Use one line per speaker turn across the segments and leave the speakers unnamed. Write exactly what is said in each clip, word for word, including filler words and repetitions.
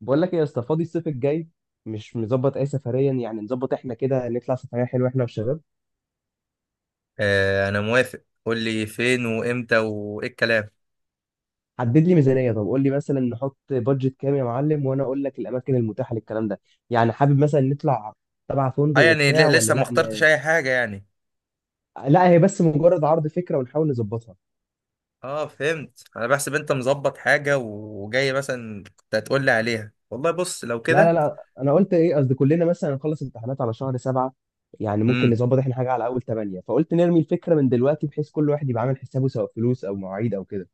بقول لك ايه يا اسطى، فاضي الصيف الجاي؟ مش مظبط اي سفريا؟ يعني نظبط احنا كده نطلع سفريه حلوه احنا والشباب.
آه انا موافق، قول لي فين وامتى وايه الكلام.
حدد لي ميزانيه، طب قول لي مثلا نحط بادجت كام يا معلم وانا اقول لك الاماكن المتاحه للكلام ده. يعني حابب مثلا نطلع تبع
اه
فندق
يعني
وبتاع
ل-
ولا
لسه ما
لا
اخترتش
ن...
اي حاجه يعني.
لا، هي بس مجرد عرض فكره ونحاول نظبطها.
اه فهمت، انا بحسب انت مظبط حاجه وجاي مثلا كنت هتقول لي عليها. والله بص لو
لا لا
كده.
لا انا قلت ايه، قصدي كلنا مثلا نخلص امتحانات على شهر سبعة. يعني ممكن
امم
نظبط احنا حاجه على اول ثمانية، فقلت نرمي الفكره من دلوقتي بحيث كل واحد يبقى عامل حسابه سواء فلوس او مواعيد او كده.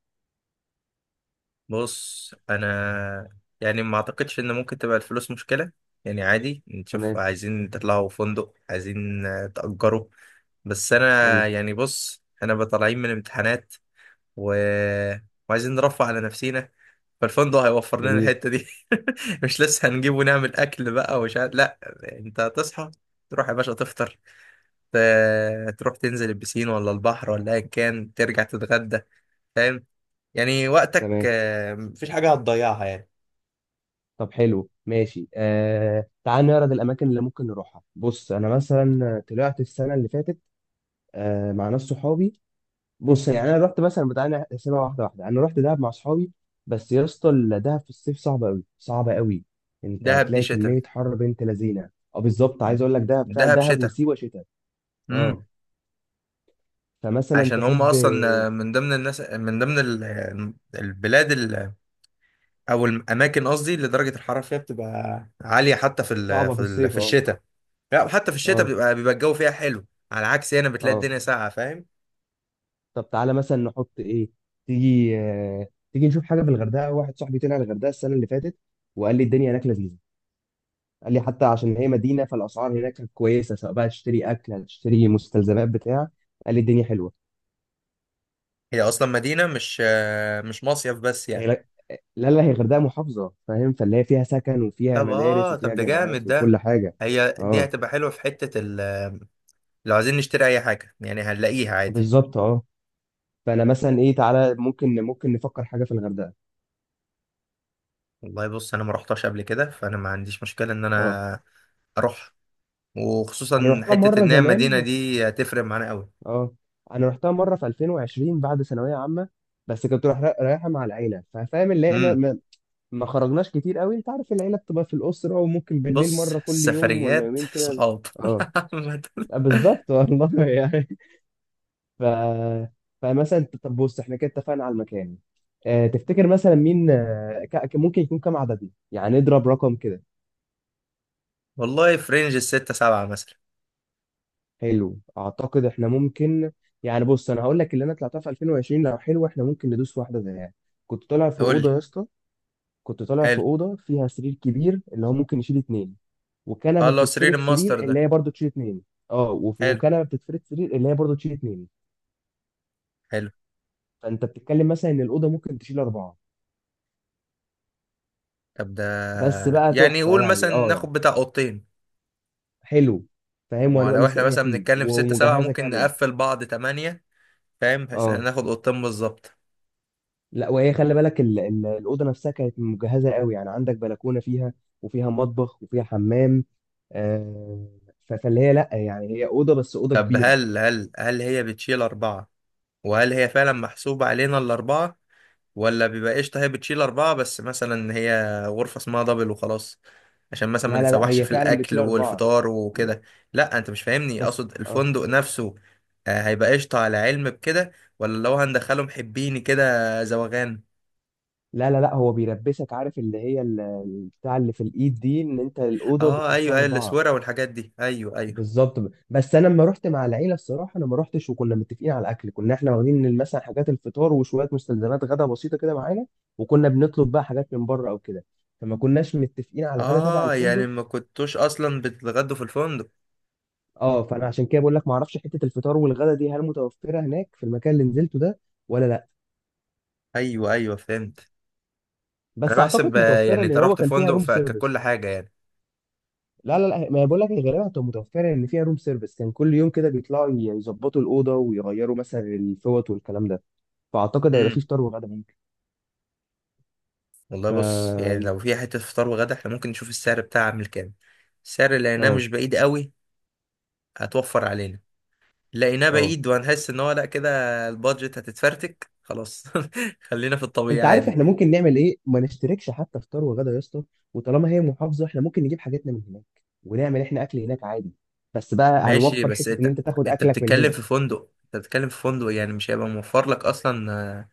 بص انا يعني ما اعتقدش ان ممكن تبقى الفلوس مشكله. يعني عادي، نشوف
تمام.
عايزين تطلعوا فندق، عايزين آه، تأجروا. بس انا
حلو.
يعني بص، انا بطالعين من امتحانات و... وعايزين نرفه على نفسينا، فالفندق هيوفر لنا
جميل.
الحتة دي. مش لسه هنجيب ونعمل أكل بقى ومش عارف، لا. أنت هتصحى، تروح يا باشا تفطر، ت- تروح تنزل البسين ولا البحر ولا أيا كان، ترجع تتغدى، فاهم؟ يعني وقتك،
تمام.
آه، مفيش حاجة هتضيعها يعني.
طب حلو ماشي، آه تعال نعرض الاماكن اللي ممكن نروحها. بص انا مثلا طلعت السنه اللي فاتت، آه مع ناس صحابي. بص يعني انا رحت مثلا بتاع، نحسبها واحده واحده، انا رحت دهب مع صحابي. بس يا اسطى، دهب في الصيف صعبه قوي، صعبه قوي. انت
دهب دي
هتلاقي
شتاء.
كميه حر بنت لذينه. اه بالظبط، عايز اقول لك دهب فعلا،
دهب
دهب
شتاء.
وسيوه شتاء.
امم.
اه، فمثلا
عشان هم
تحب.
اصلا من ضمن الناس، من ضمن ال- البلاد ال- او الاماكن قصدي اللي درجه الحراره فيها بتبقى عاليه حتى في ال-
صعبه
في
في
ال-
الصيف
في
اه.
الشتاء. لا، وحتى في الشتاء
اه.
بتبقى بيبقى الجو فيها حلو. على عكس هنا بتلاقي
اه.
الدنيا ساقعة، فاهم.
طب تعالى مثلا نحط ايه؟ تيجي آه، تيجي نشوف حاجه في الغردقه. واحد صاحبي طلع الغردقه السنه اللي فاتت وقال لي الدنيا هناك لذيذه. قال لي حتى عشان هي مدينه، فالاسعار هناك كانت كويسه سواء بقى تشتري اكل، هتشتري مستلزمات بتاع. قال لي الدنيا حلوه.
هي أصلا مدينة مش، آه، مش مصيف بس
هي
يعني.
لا. لا لا، هي الغردقه محافظه فاهم، فاللي هي فيها سكن وفيها
طب
مدارس
اه، طب
وفيها
ده جامد
جامعات وكل
ده.
حاجه.
هي دي
اه
هتبقى حلوة في حتة ال، لو عايزين نشتري أي حاجة يعني هنلاقيها عادي.
بالظبط. اه، فانا مثلا ايه، تعالى ممكن، ممكن نفكر حاجه في الغردقه.
والله بص، أنا ما رحتش قبل كده، فأنا ما عنديش مشكلة إن
اه،
أنا أروح.
انا
وخصوصا
رحتها
حتة
مره
إن هي
زمان.
المدينة دي هتفرق معانا أوي.
اه، انا رحتها مره في ألفين وعشرين بعد ثانويه عامه. بس كنت رايح، رايحه مع العيله ففاهم اللي هي ما,
امم.
ما, ما خرجناش كتير قوي. انت عارف العيله بتبقى في الاسره، وممكن بالليل
بص
مره كل يوم ولا
السفريات
يومين كده.
صحاب
اه.
عامة.
آه، بالظبط والله يعني. ف فمثلا انت- طب بص احنا كده اتفقنا على المكان. اه، تفتكر مثلا مين، آه، ك- ك- ممكن يكون كام عددنا؟ يعني نضرب رقم كده.
والله في رينج الستة سبعة مثلا.
حلو، اعتقد احنا ممكن. يعني بص، انا هقول لك اللي انا طلعتها في ألفين وعشرين، لو حلو احنا ممكن ندوس في واحده زيها. كنت طالع في
قول
اوضه
لي.
يا اسطى. كنت طالع في
حلو.
اوضه فيها سرير كبير اللي هو ممكن يشيل اتنين.
اه
وكنبه
اللي هو سرير
بتتفرد
الماستر
سرير اللي
ده.
هي برضه تشيل اتنين. اه وف-
حلو.
وكنبه بتتفرد سرير اللي هي برضه تشيل اتنين.
حلو.
فانت بتتكلم مثلا ان الاوضه ممكن تشيل اربعه.
طب ده،
بس بقى
يعني
تحفه
قول مثلا
يعني، اه يعني.
ناخد بتاع اوضتين.
حلو. فاهم،
ما هو
وانا بقى
لو احنا مثلا
مستريحين
بنتكلم في ستة سبعة
ومجهزه
ممكن
كامله.
نقفل بعض تمانية، فاهم، بحيث ان
اه.
ناخد اوضتين بالظبط.
لا، وهي خلي بالك ال- ال- الاوضه نفسها كانت مجهزه قوي، يعني عندك بلكونه فيها وفيها مطبخ وفيها حمام. آه. ف- فاللي هي لا، يعني هي اوضه بس اوضه
طب
كبيره.
هل هل هل هي بتشيل أربعة؟ وهل هي فعلا محسوبة علينا الأربعة؟ ولا بيبقى قشطة هي بتشيل أربعة بس مثلا هي غرفة اسمها دبل وخلاص، عشان مثلا ما
لا لا لا،
نتسوحش
هي
في
فعلا بتشيل
الأكل
اربعه.
والفطار وكده. لا أنت مش فاهمني،
بس
أقصد
اه.
الفندق نفسه آه، هيبقى قشطة على علم بكده، ولا لو هندخله محبيني كده زوغان.
لا لا لا، هو بيلبسك عارف اللي هي ال- ال- بتاع اللي في الايد دي، ان انت الاوضه
اه ايوه
بتخشها
ايوه
اربعه.
الاسوره والحاجات دي، ايوه ايوه.
بالظبط. ب- بس انا لما رحت مع العيله الصراحه انا ما رحتش، وكنا متفقين على الاكل. كنا احنا واخدين مثلا حاجات الفطار وشويه مستلزمات غدا بسيطه كده معانا، وكنا بنطلب بقى حاجات من بره او كده. فما كناش متفقين على الغدا تبع
اه يعني
الفندق.
ما كنتوش اصلا بتتغدوا في الفندق.
اه، فانا عشان كده بقول لك ما اعرفش حته الفطار والغدا دي هل متوفره هناك في المكان اللي نزلته ده ولا لا.
ايوه ايوه فهمت. انا
بس اعتقد
بحسب، آه،
متوفره،
يعني انت
لان هو
رحت
كان فيها
فندق
روم
فككل
سيرفيس.
حاجه.
لا لا لا، ما أنا بقول لك هي غالبا هتبقى متوفره، ان فيها روم سيرفيس كان كل يوم كده بيطلعوا يظبطوا الاوضه ويغيروا مثلا الفوط والكلام ده. فاعتقد هيبقى فيه
يعني
فطار وغدا ممكن.
والله
ف
بص، يعني لو في حتة فطار وغدا احنا ممكن نشوف السعر بتاعها عامل كام. السعر اللي لقيناه مش
اه
بعيد قوي هتوفر علينا. لقيناه
اه.
بعيد وهنحس ان هو لا كده، البادجت هتتفرتك خلاص. خلينا في الطبيعي
انت عارف
عادي.
احنا ممكن نعمل ايه، ما نشتركش حتى فطار وغدا يا اسطى. وطالما هي محافظه احنا ممكن نجيب حاجاتنا من هناك، ونعمل احنا اكل هناك عادي. بس بقى
ماشي
هنوفر
بس
حته ان
انت،
انت تاخد
انت
اكلك من
بتتكلم
هنا.
في فندق، انت بتتكلم في فندق يعني مش هيبقى موفر لك اصلا آه،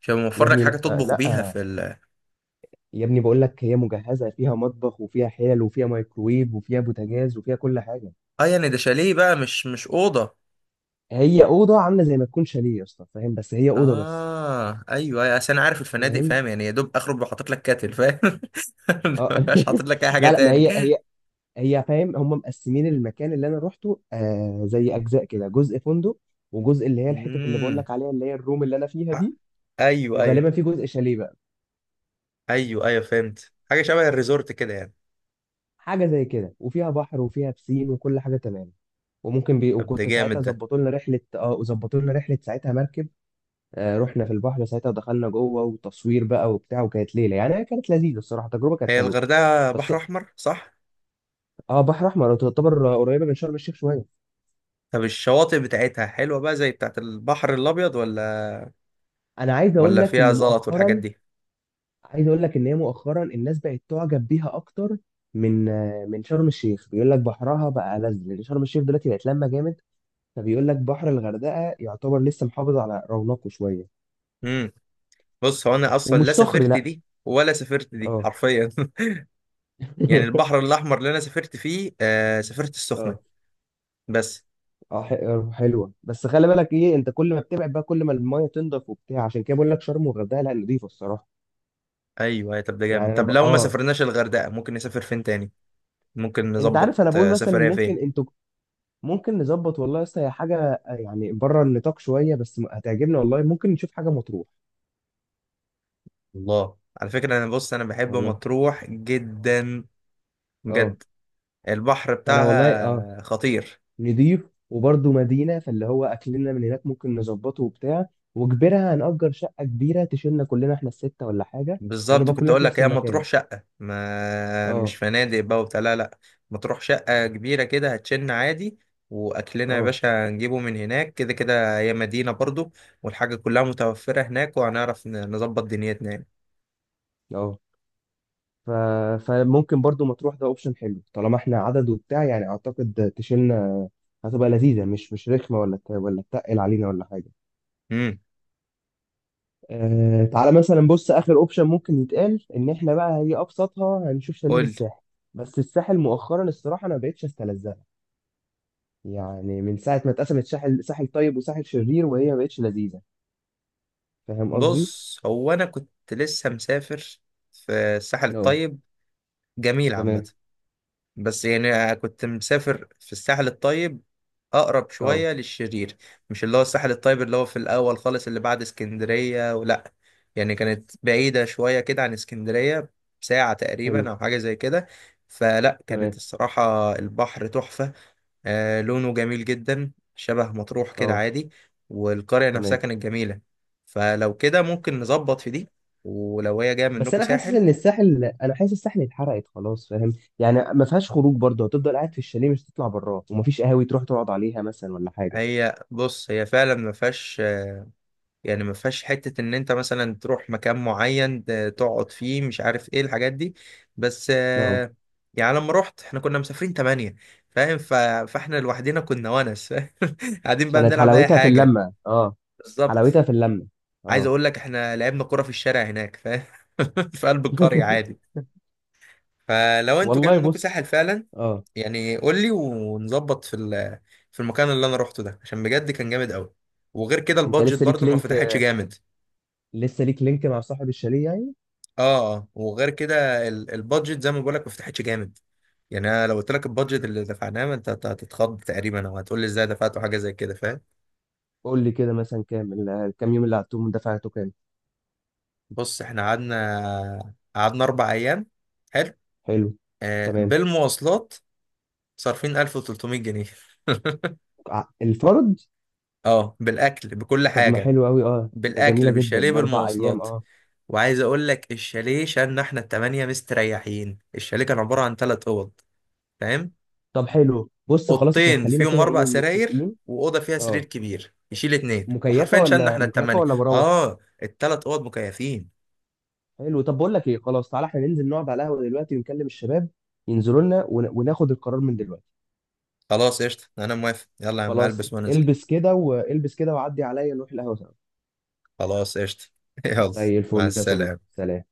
مش هيبقى
يا
موفر لك
ابني
حاجة
لا
تطبخ بيها
لا،
في ال.
يا ابني بقول لك هي مجهزه فيها مطبخ وفيها حلل وفيها مايكرويف وفيها بوتاجاز وفيها كل حاجه.
اه يعني ده شاليه بقى، مش مش أوضة.
هي اوضه عامله زي ما تكون شاليه يا اسطى فاهم، بس هي اوضه بس.
اه ايوه أيوة، عشان عارف الفنادق
فاهم.
فاهم يعني، يا دوب اخرج وحاطط لك كاتل فاهم.
اه.
مش حاطط لك اي حاجه
لا لا، ما
تاني.
هي هي، هي فاهم، هم مقسمين المكان اللي انا روحته، آه زي اجزاء كده، جزء فندق، وجزء اللي هي الحته اللي بقول
امم.
لك عليها اللي هي الروم اللي انا فيها دي.
ايوه ايوه.
وغالبا في جزء شاليه بقى.
ايوه ايوه فهمت، حاجه شبه الريزورت كده يعني.
حاجه زي كده، وفيها بحر وفيها بسين وكل حاجه تمام. وممكن بي...
طب ده
وكنت
جامد
ساعتها
ده.
ظبطوا لنا رحله، اه وظبطوا لنا رحله ساعتها مركب. آه، رحنا في البحر ساعتها ودخلنا جوه وتصوير بقى وبتاع، وكانت ليله يعني، هي كانت لذيذه الصراحه، التجربه كانت
هي
حلوه.
الغردقه
بس.
بحر احمر صح؟
اه، بحر احمر، تعتبر قريبه من شرم الشيخ شويه.
طب الشواطئ بتاعتها حلوه بقى زي بتاعت البحر الابيض ولا،
انا عايز اقول
ولا
لك
فيها
ان
زلط والحاجات
مؤخرا،
دي؟
عايز اقول لك ان هي مؤخرا الناس بقت تعجب بيها اكتر من آه، من شرم الشيخ. بيقول لك بحرها بقى لذ، لان شرم الشيخ دلوقتي بقت لما جامد. فبيقول لك بحر الغردقه يعتبر لسه محافظ على رونقه شويه.
امم. بص هو انا اصلا لا
ومش صخري
سافرت
لا.
دي ولا سافرت دي
اه.
حرفيا يعني. البحر الاحمر اللي انا سافرت فيه آه سافرت السخنه
اه.
بس.
اه ح- آه، حلوه، بس خلي بالك ايه، انت كل ما بتبعد بقى كل ما المايه تنضف وبتاع. عشان كده بقول لك شرم والغردقه لا، نضيفه الصراحه.
ايوه أيوة، طب ده جامد.
يعني انا
طب
ب...
لو ما
اه.
سافرناش الغردقه ممكن نسافر فين تاني؟ ممكن
انت
نظبط
عارف انا بقول
آه،
مثلا
سفريه
ممكن
فين؟
انتوا، ممكن نظبط والله يا اسطى، هي حاجه يعني بره النطاق شويه، بس م- هتعجبنا والله. ممكن نشوف حاجه مطروح.
الله على فكره، انا بص انا بحب
والله
مطروح جدا،
اه.
بجد. البحر
فانا والله اه،
بتاعها خطير.
نضيف، وبرضه مدينه فاللي هو اكلنا من هناك ممكن نظبطه وبتاع. وكبرها هنأجر شقه كبيره تشيلنا كلنا احنا السته ولا حاجه،
بالظبط،
ونبقى
كنت
كلنا
اقول
في
لك
نفس
هي
المكان.
مطروح شقه، ما مش
اه.
فنادق بقى وبتاع، لا لا. مطروح شقه كبيره كده هتشن عادي. واكلنا يا
اه.
باشا نجيبه من هناك، كده كده هي مدينه برضو والحاجه كلها متوفره هناك، وهنعرف ن- نظبط دنيتنا يعني.
اه. ف... فممكن برضه مطروح ده اوبشن حلو، طالما احنا عدد وبتاع يعني اعتقد تشيلنا. هتبقى لذيذه، مش مش رخمه ولا ت... ولا تقل علينا ولا حاجه.
امم.
آه تعالى مثلا، بص اخر اوبشن ممكن يتقال ان احنا بقى، هي ابسطها هنشوف شاليه في
قول.
الساحل. بس الساحل مؤخرا الصراحه انا ما بقتش استلذها، يعني من ساعه ما اتقسمت ساحل، ساحل طيب وساحل شرير، وهي ما بقتش لذيذه. فاهم قصدي؟
بص هو انا كنت لسه مسافر في الساحل
اه.
الطيب، جميل عامه.
تمام.
بس يعني كنت مسافر في الساحل الطيب اقرب
اه.
شويه للشرير، مش اللي هو الساحل الطيب اللي هو في الاول خالص اللي بعد اسكندريه، ولا يعني كانت بعيده شويه كده عن اسكندريه، ساعه
حلو.
تقريبا او حاجه زي كده. فلا، كانت
تمام.
الصراحه البحر تحفه، آه لونه جميل جدا شبه مطروح كده
اه.
عادي، والقرية نفسها
تمام.
كانت جميلة. فلو كده ممكن نظبط في دي، ولو هي جاية
بس
منكم
انا حاسس
ساحل.
ان الساحل، انا حاسس الساحل اتحرقت خلاص فاهم. يعني ما فيهاش خروج برضه، هتفضل قاعد في الشاليه، مش هتطلع براه، ومفيش قهاوي تروح تقعد عليها مثلا ولا حاجه.
هي بص هي فعلا ما فيهاش، يعني ما فيهاش حتة ان انت مثلا تروح مكان معين ت- تقعد فيه، مش عارف ايه الحاجات دي. بس
اه.
آه، يعني لما رحت احنا كنا مسافرين تمانية، فاهم، ف... فاحنا لوحدنا كنا ونس قاعدين بقى
كانت
بنلعب اي
حلاوتها في
حاجة.
اللمه اه. حلاوتها
بالظبط،
في اللمه.
عايز
اه.
اقول لك احنا لعبنا كرة في الشارع هناك فاهم في قلب القرية عادي. فلو انتوا جاي
والله
منكم
بص.
ساحل فعلا،
اه.
يعني قول لي ونظبط في ال- في المكان اللي انا روحته ده، عشان بجد كان جامد قوي. وغير كده
انت
البادجت
لسه ليك
برضه ما
لينك،
فتحتش جامد.
لسه ليك لينك مع صاحب الشاليه يعني.
اه اه، وغير كده ال- البادجت زي ما بقول لك ما فتحتش جامد. يعني انا لو قلت لك البادجت اللي دفعناه، ما انت هت- هتتخض تقريبا، او هتقول لي ازاي دفعت حاجه زي كده، فاهم.
قول لي كده مثلا كام ال- كام يوم اللي قعدتهم دفعته كام؟
بص احنا قعدنا قعدنا اربع ايام. حلو.
حلو.
آه
تمام.
بالمواصلات، صارفين ألف وتلتمية جنيه
ع- الفرد.
اه بالاكل بكل
طب ما
حاجه.
حلو قوي اه، ده جميله
بالاكل
جدا
بالشاليه
ده اربع ايام
بالمواصلات.
اه.
وعايز اقول لك الشاليه شالنا احنا التمانية مستريحين، الشاليه كان عباره عن ثلاث اوض، فاهم،
طب حلو، بص خلاص احنا
اوضتين
خلينا
فيهم
كده
اربع
ايه،
سراير
متفقين.
واوضه فيها سرير
اه،
كبير يشيل اتنين،
مكيفه
وحرفيا شالنا
ولا
احنا
مكيفه
التمانية.
ولا مراوح؟
اه الثلاث اوض مكيفين.
حلو، طب بقول لك ايه، خلاص تعالى احنا ننزل نقعد على القهوه دلوقتي ونكلم الشباب ينزلوا لنا، ون- وناخد القرار من دلوقتي.
خلاص قشطه انا موافق، يلا يا عم
خلاص.
البس وننزل.
البس كده، والبس كده وعدي عليا نروح القهوة سوا.
خلاص قشطه يلا.
زي
مع
الفل يا صديقي،
السلامه.
سلام.